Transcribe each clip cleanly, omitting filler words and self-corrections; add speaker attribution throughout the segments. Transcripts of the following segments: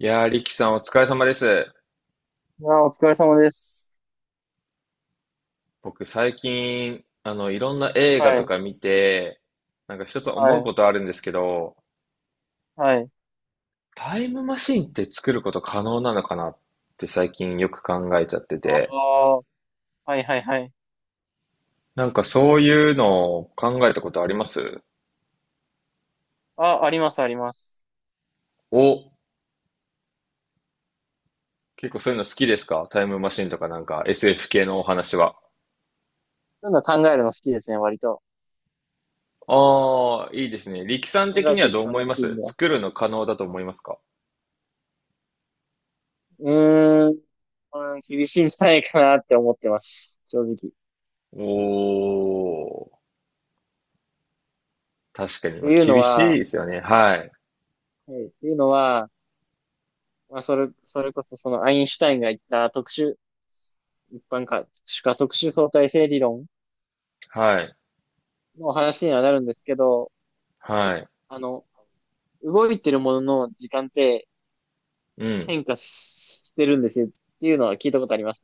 Speaker 1: いやー、リキさんお疲れ様です。
Speaker 2: あ、お疲れ様です。
Speaker 1: 僕最近、いろんな映
Speaker 2: は
Speaker 1: 画
Speaker 2: あい、
Speaker 1: と
Speaker 2: の、
Speaker 1: か見て、なんか一つ
Speaker 2: は
Speaker 1: 思うこ
Speaker 2: い、
Speaker 1: とあるんですけど、
Speaker 2: はい。
Speaker 1: タイムマシンって作ること可能なのかなって最近よく考えちゃって
Speaker 2: あ
Speaker 1: て、
Speaker 2: あ、はい、はい、はい。
Speaker 1: なんかそういうのを考えたことあります？
Speaker 2: あ、あります、あります。
Speaker 1: お、結構そういうの好きですか？タイムマシンとかなんか SF 系のお話は。
Speaker 2: そういうの考えるの好きですね、割と。
Speaker 1: ああ、いいですね。力さん
Speaker 2: 考
Speaker 1: 的
Speaker 2: え
Speaker 1: に
Speaker 2: て
Speaker 1: は
Speaker 2: い
Speaker 1: ど
Speaker 2: く
Speaker 1: う思
Speaker 2: の
Speaker 1: い
Speaker 2: 好
Speaker 1: ま
Speaker 2: きん
Speaker 1: す？
Speaker 2: だ。
Speaker 1: 作るの可能だと思いますか？
Speaker 2: うーん、うん、厳しいんじゃないかなって思ってます。正直。っ
Speaker 1: おー、確かに、
Speaker 2: て
Speaker 1: まあ、
Speaker 2: いうの
Speaker 1: 厳しい
Speaker 2: は、
Speaker 1: ですよね。はい。
Speaker 2: はい、っていうのは、まあ、それこそそのアインシュタインが言った特殊、一般か、特殊か特殊相対性理論
Speaker 1: はい。
Speaker 2: の話にはなるんですけど、
Speaker 1: はい。
Speaker 2: あの、動いてるものの時間って
Speaker 1: うん。
Speaker 2: 変化してるんですよっていうのは聞いたことあります。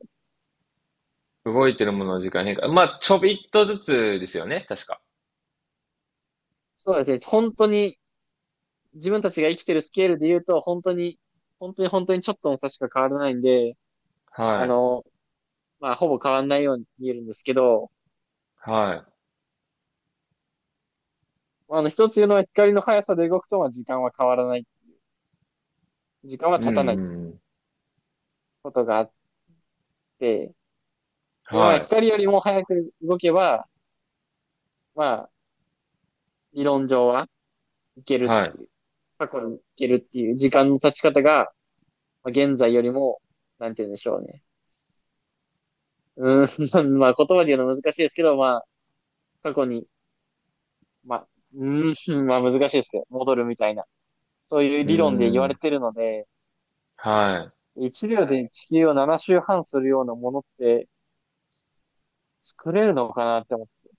Speaker 1: 動いてるものの時間変化。まあ、ちょびっとずつですよね、確か。
Speaker 2: そうですね。本当に自分たちが生きてるスケールで言うと、本当に、本当に本当にちょっとの差しか変わらないんで、あ
Speaker 1: はい。
Speaker 2: の、まあ、ほぼ変わらないように見えるんですけど、
Speaker 1: は
Speaker 2: まあの、一つ言うのは光の速さで動くと、まあ、時間は変わらない。時間
Speaker 1: い。
Speaker 2: は
Speaker 1: うんう
Speaker 2: 経たない
Speaker 1: んうん。
Speaker 2: ことがあって、で、まあ、
Speaker 1: はい。
Speaker 2: 光よりも早く動けば、まあ、理論上はいけるっ
Speaker 1: は
Speaker 2: て
Speaker 1: い。
Speaker 2: いう、過去にいけるっていう時間の経ち方が、まあ、現在よりも、なんて言うんでしょうね。うーん、まあ言葉で言うの難しいですけど、まあ過去に、まあ、うまあ難しいですけど、戻るみたいな、そういう
Speaker 1: う
Speaker 2: 理論で言
Speaker 1: ー
Speaker 2: われ
Speaker 1: ん。
Speaker 2: てるので、
Speaker 1: は
Speaker 2: 1秒で地球を7周半するようなものって作れるのかなって思って、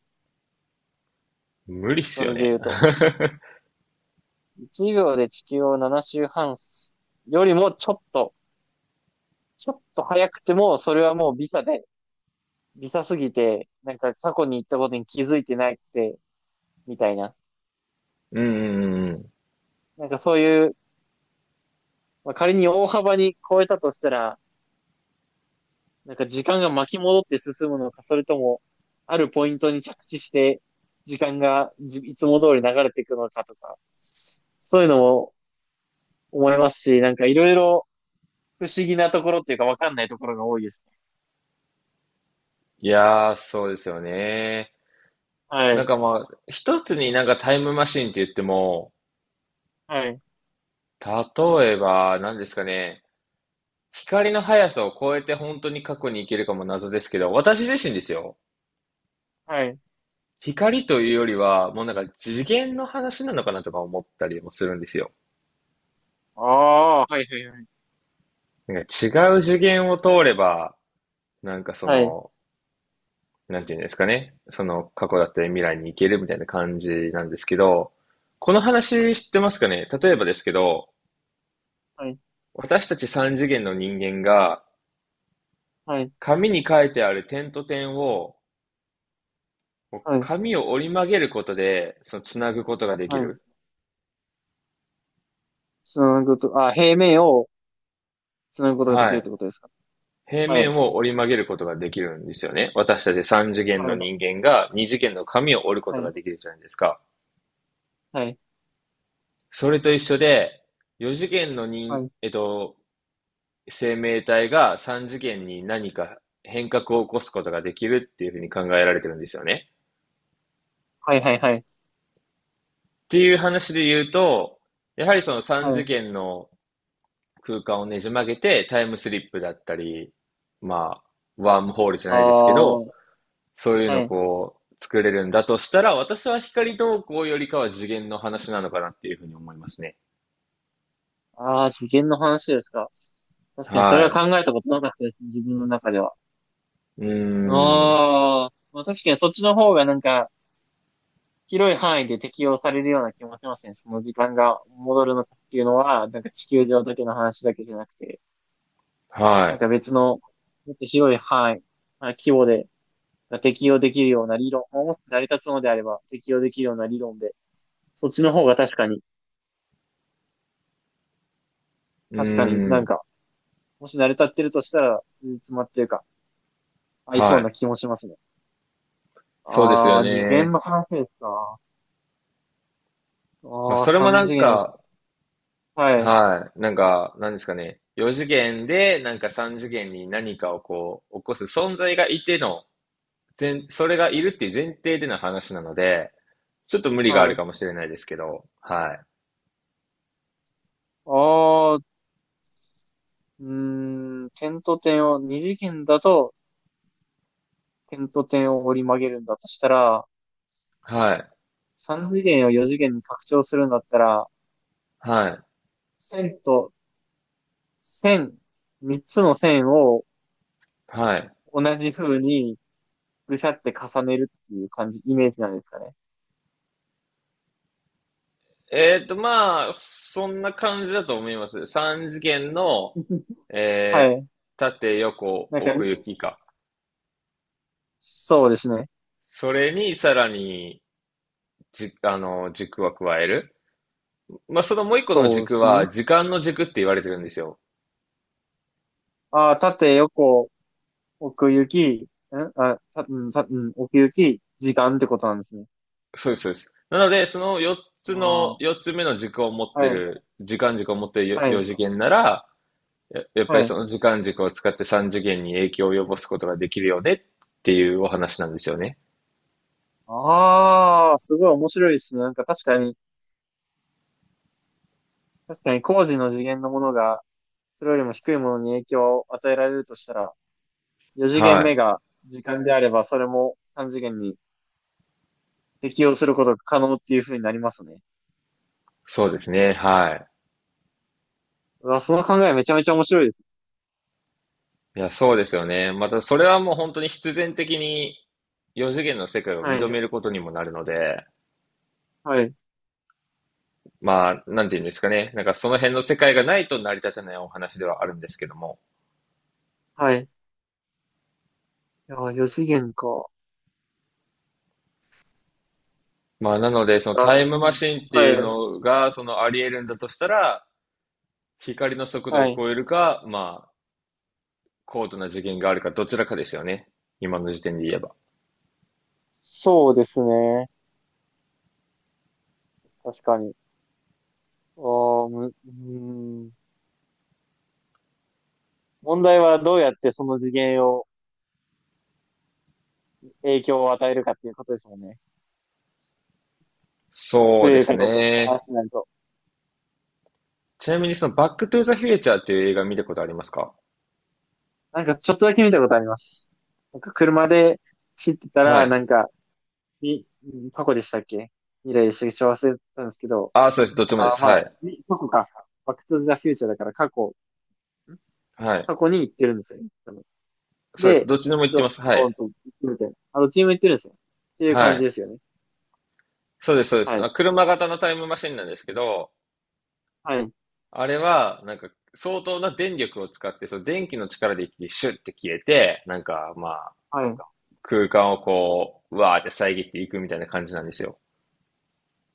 Speaker 1: い。無理っす
Speaker 2: そ
Speaker 1: よ
Speaker 2: れで
Speaker 1: ね。
Speaker 2: 言うと、1秒で地球を7周半すよりもちょっと早くても、それはもうビザで、ビザすぎて、なんか過去に行ったことに気づいてないくて、みたいな。
Speaker 1: うんうんうんうん。
Speaker 2: なんかそういう、まあ、仮に大幅に超えたとしたら、なんか時間が巻き戻って進むのか、それとも、あるポイントに着地して、時間がじいつも通り流れていくのかとか、そういうのも思いますし、なんかいろいろ不思議なところっていうかわかんないところが多いですね。
Speaker 1: いやー、そうですよね。
Speaker 2: は
Speaker 1: なん
Speaker 2: い。
Speaker 1: かまあ、一つになんかタイムマシンって言っても、
Speaker 2: はい。
Speaker 1: 例えば、何ですかね、光の速さを超えて本当に過去に行けるかも謎ですけど、私自身ですよ。
Speaker 2: はい。
Speaker 1: 光というよりは、もうなんか次元の話なのかなとか思ったりもするんですよ。
Speaker 2: ああー、はいはいはい
Speaker 1: なんか違う次元を通れば、なんかそ
Speaker 2: ああはい。
Speaker 1: の、なんていうんですかね。その過去だったり未来に行けるみたいな感じなんですけど、この話知ってますかね？例えばですけど、
Speaker 2: はい。
Speaker 1: 私たち三次元の人間が、
Speaker 2: はい。
Speaker 1: 紙に書いてある点と点を、
Speaker 2: はい。
Speaker 1: 紙を折り曲げることで、その、つなぐことができ
Speaker 2: はい。
Speaker 1: る。
Speaker 2: つなぐこと、あ、平面をつなぐことがで
Speaker 1: は
Speaker 2: きるっ
Speaker 1: い。
Speaker 2: てことですか？
Speaker 1: 平
Speaker 2: はい。
Speaker 1: 面を折り曲げることができるんですよね。私たち三次元
Speaker 2: は
Speaker 1: の人
Speaker 2: い。
Speaker 1: 間が二次元の紙を折るこ
Speaker 2: は
Speaker 1: とが
Speaker 2: い。
Speaker 1: できるじゃないですか。
Speaker 2: はい。
Speaker 1: それと一緒で、四次元の
Speaker 2: は
Speaker 1: 人、
Speaker 2: い。
Speaker 1: 生命体が三次元に何か変革を起こすことができるっていうふうに考えられてるんですよね。
Speaker 2: はい。はい。はい。
Speaker 1: っていう話で言うと、やはりその
Speaker 2: は
Speaker 1: 三次
Speaker 2: い。
Speaker 1: 元の空間をねじ曲げてタイムスリップだったり、まあ、ワームホールじゃ
Speaker 2: あ
Speaker 1: ないですけ
Speaker 2: あ、
Speaker 1: ど、
Speaker 2: は
Speaker 1: そういうのを
Speaker 2: い。
Speaker 1: こう、作れるんだとしたら、私は光投稿よりかは次元の話なのかなっていうふうに思いますね。
Speaker 2: ああ、次元の話ですか？確かにそれは
Speaker 1: は
Speaker 2: 考えたことなかったですね、自分の中では。
Speaker 1: い。うーん。
Speaker 2: ああ、まあ確かにそっちの方がなんか、広い範囲で適用されるような気もしますね。その時間が戻るのかっていうのは、なんか地球上だけの話だけじゃなくて、
Speaker 1: は
Speaker 2: なん
Speaker 1: い。
Speaker 2: か別の、もっと広い範囲、まあ、規模で、が適用できるような理論、まあもっと成り立つのであれば適用できるような理論で、そっちの方が確かに、
Speaker 1: う
Speaker 2: 確かに
Speaker 1: ー
Speaker 2: なん
Speaker 1: ん。
Speaker 2: か、もし成り立ってるとしたら、つじつまっていうか、合いそ
Speaker 1: は
Speaker 2: う
Speaker 1: い。
Speaker 2: な気もしますね。
Speaker 1: そうですよ
Speaker 2: ああ、次元
Speaker 1: ね。
Speaker 2: の話ですか？
Speaker 1: まあ、
Speaker 2: ああ、
Speaker 1: それも
Speaker 2: 三
Speaker 1: な
Speaker 2: 次
Speaker 1: ん
Speaker 2: 元です。
Speaker 1: か、
Speaker 2: はい。
Speaker 1: はい。なんか、なんですかね。4次元で、なんか3次元に何かをこう、起こす存在がいての、前それがいるっていう前提での話なので、ちょっと無理があ
Speaker 2: は
Speaker 1: る
Speaker 2: い。
Speaker 1: かもしれないですけど、はい。
Speaker 2: ああ、うーん、点と点を、二次元だと点と点を折り曲げるんだとしたら、
Speaker 1: はい。
Speaker 2: 三次元を四次元に拡張するんだったら、
Speaker 1: はい。
Speaker 2: 線と線、三つの線を
Speaker 1: はい。
Speaker 2: 同じ風にぐしゃって重ねるっていう感じ、イメージなんですかね？
Speaker 1: まあ、そんな感じだと思います。3次元の、
Speaker 2: は
Speaker 1: えー
Speaker 2: い。
Speaker 1: 縦横
Speaker 2: なんか、
Speaker 1: 奥行きか。
Speaker 2: そうですね。
Speaker 1: それにさらに、じ、あの、軸は加える。まあ、そのもう一個の
Speaker 2: そうで
Speaker 1: 軸
Speaker 2: す
Speaker 1: は、
Speaker 2: ね。
Speaker 1: 時間の軸って言われてるんですよ。
Speaker 2: ああ、縦横、奥行き、んあ、さ、うん、さ、うん、奥行き、時間ってことなんですね。
Speaker 1: そうです、そうです。なので、その4つ
Speaker 2: あ
Speaker 1: の、
Speaker 2: あ、
Speaker 1: 4つ目の軸を持っ
Speaker 2: は
Speaker 1: て
Speaker 2: い、
Speaker 1: る、時間軸を持ってる
Speaker 2: はい、
Speaker 1: 4
Speaker 2: 時
Speaker 1: 次
Speaker 2: 間。
Speaker 1: 元なら、ややっぱ
Speaker 2: は
Speaker 1: り
Speaker 2: い。
Speaker 1: その時間軸を使って3次元に影響を及ぼすことができるよねっていうお話なんですよね。
Speaker 2: ああ、すごい面白いですね。なんか確かに、工事の次元のものが、それよりも低いものに影響を与えられるとしたら、4次元
Speaker 1: は
Speaker 2: 目
Speaker 1: い。
Speaker 2: が時間であれば、それも3次元に適用することが可能っていう風になりますね。
Speaker 1: そうですね。はい。
Speaker 2: うわ、その考えめちゃめちゃ面白いです。
Speaker 1: いや、そうですよね。また、それはもう本当に必然的に、四次元の世界を
Speaker 2: は
Speaker 1: 認
Speaker 2: い、
Speaker 1: めることにもなるので、
Speaker 2: はい、
Speaker 1: まあ、なんていうんですかね。なんかその辺の世界がないと成り立たないお話ではあるんですけども。
Speaker 2: はい。いや、4次元か。
Speaker 1: まあ、なので、その
Speaker 2: あ、
Speaker 1: タイムマシンって
Speaker 2: は
Speaker 1: い
Speaker 2: い、
Speaker 1: うのが、そのあり得るんだとしたら、光の速度
Speaker 2: は
Speaker 1: を
Speaker 2: い。
Speaker 1: 超えるか、まあ、高度な次元があるか、どちらかですよね。今の時点で言えば。
Speaker 2: そうですね。確かに。おー、む、うーん。問題はどうやってその次元を、影響を与えるかっていうことですもんね。
Speaker 1: そ
Speaker 2: 作
Speaker 1: う
Speaker 2: れ
Speaker 1: で
Speaker 2: る
Speaker 1: す
Speaker 2: かどうかっていう
Speaker 1: ね。
Speaker 2: 話になると。
Speaker 1: ちなみにそのバックトゥーザフューチャーっていう映画見たことありますか？
Speaker 2: なんかちょっとだけ見たことあります。なんか車で走ってた
Speaker 1: は
Speaker 2: ら、
Speaker 1: い。
Speaker 2: なんか、み、過去でしたっけ未来でしたっけ忘れたんですけど、
Speaker 1: ああ、そうです。どっちもで
Speaker 2: あー、
Speaker 1: す。
Speaker 2: ま
Speaker 1: は
Speaker 2: あ、
Speaker 1: い。
Speaker 2: み過去か。バックトゥザフューチャーだから過去、ん
Speaker 1: はい。
Speaker 2: 過去に行ってるんですよね。多分
Speaker 1: そうです。
Speaker 2: で、
Speaker 1: どっちでも行ってま
Speaker 2: ド
Speaker 1: す。は
Speaker 2: ドーン
Speaker 1: い。
Speaker 2: と行くみたいな。チーム行ってるんですよ。っていう
Speaker 1: は
Speaker 2: 感じ
Speaker 1: い。
Speaker 2: ですよね。
Speaker 1: そうです、そうです。
Speaker 2: は
Speaker 1: あ、
Speaker 2: い。
Speaker 1: 車型のタイムマシンなんですけど、
Speaker 2: はい。
Speaker 1: あれは、なんか、相当な電力を使って、その電気の力で一気にシュッて消えて、なんか、まあ、
Speaker 2: はい。
Speaker 1: 空間をこう、うわーって遮っていくみたいな感じなんですよ。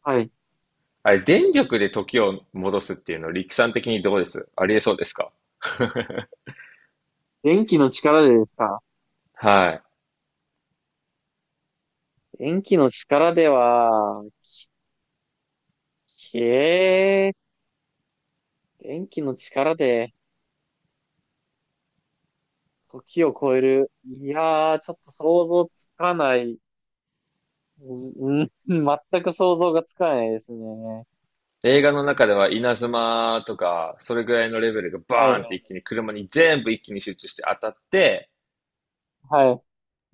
Speaker 2: はい。
Speaker 1: あれ、電力で時を戻すっていうの、力算的にどうです？ありえそうですか？
Speaker 2: 電気の力でですか？
Speaker 1: は
Speaker 2: 電気の力では、えー、電気の力で時を超える。いやー、ちょっと想像つかない。うん、全く想像がつかないですね。
Speaker 1: い。映画の中では稲妻とか、それぐらいのレベルが
Speaker 2: は
Speaker 1: バ
Speaker 2: い、
Speaker 1: ーンっ
Speaker 2: は
Speaker 1: て一
Speaker 2: い、
Speaker 1: 気に車に全部一気に集中して当たって、
Speaker 2: は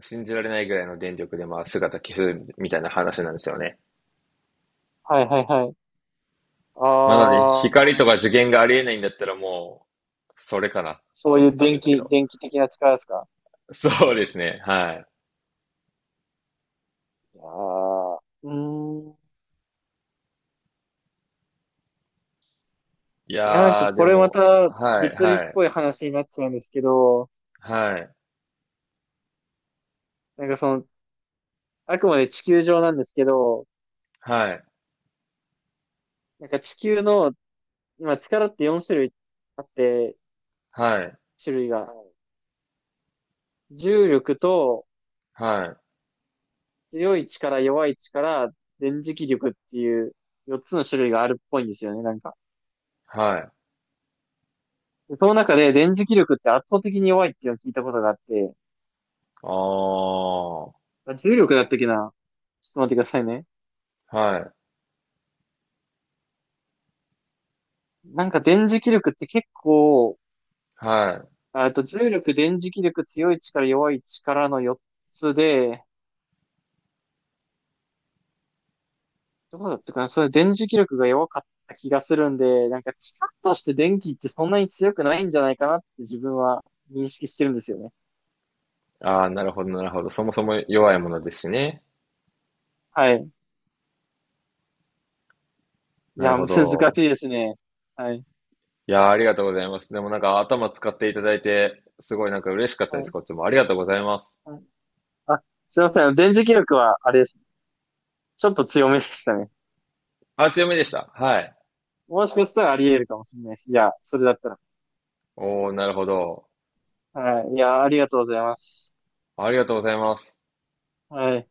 Speaker 1: 信じられないぐらいの電力でまあ姿消すみたいな話なんですよね。
Speaker 2: い、はい、はい。あ
Speaker 1: まあなので、光とか
Speaker 2: ー、
Speaker 1: 受験がありえないんだったらもう、それかなっ
Speaker 2: そ
Speaker 1: て
Speaker 2: ういう
Speaker 1: 思ったんですけど。
Speaker 2: 電気的な力ですか？
Speaker 1: そうですね。はい。
Speaker 2: いやー、うーん。い
Speaker 1: い
Speaker 2: や、なんか
Speaker 1: やー、で
Speaker 2: これま
Speaker 1: も、
Speaker 2: た
Speaker 1: はい、
Speaker 2: 物理っ
Speaker 1: はい、
Speaker 2: ぽい話になっちゃうんですけど、
Speaker 1: はい、
Speaker 2: なんかその、あくまで地球上なんですけど、
Speaker 1: はい、
Speaker 2: なんか地球の、まあ、力って4種類あって、
Speaker 1: はい、
Speaker 2: 種類が。はい重力と
Speaker 1: はい、
Speaker 2: 強い力、弱い力、電磁気力っていう4つの種類があるっぽいんですよね、なんか。
Speaker 1: はい。
Speaker 2: でその中で電磁気力って圧倒的に弱いっていうのを聞いたことがあって、
Speaker 1: あー、
Speaker 2: あ重力だったっけな、ちょっと待ってくださいね。
Speaker 1: はい、
Speaker 2: なんか電磁気力って結構、
Speaker 1: はい。
Speaker 2: ああと重力、電磁気力、強い力、弱い力の4つで、どうだったかなそれ電磁気力が弱かった気がするんで、なんか力として電気ってそんなに強くないんじゃないかなって自分は認識してるんですよね。
Speaker 1: あー、なるほど、なるほど。そもそも弱いものですしね。
Speaker 2: はい。い
Speaker 1: なる
Speaker 2: や、
Speaker 1: ほ
Speaker 2: 難し
Speaker 1: ど。
Speaker 2: いですね。はい。
Speaker 1: いやー、ありがとうございます。でもなんか頭使っていただいて、すごいなんか嬉しかった
Speaker 2: は
Speaker 1: です。
Speaker 2: い。
Speaker 1: こっちも。ありがとうございます。
Speaker 2: はい。あ、すいません。電磁気力はあれです。ちょっと強めでしたね。
Speaker 1: あ、強めでした。はい。
Speaker 2: もしかしたらあり得るかもしれないし、じゃあ、それだったら。
Speaker 1: おー、なるほど。
Speaker 2: はい。いや、ありがとうございます。
Speaker 1: ありがとうございます。
Speaker 2: はい。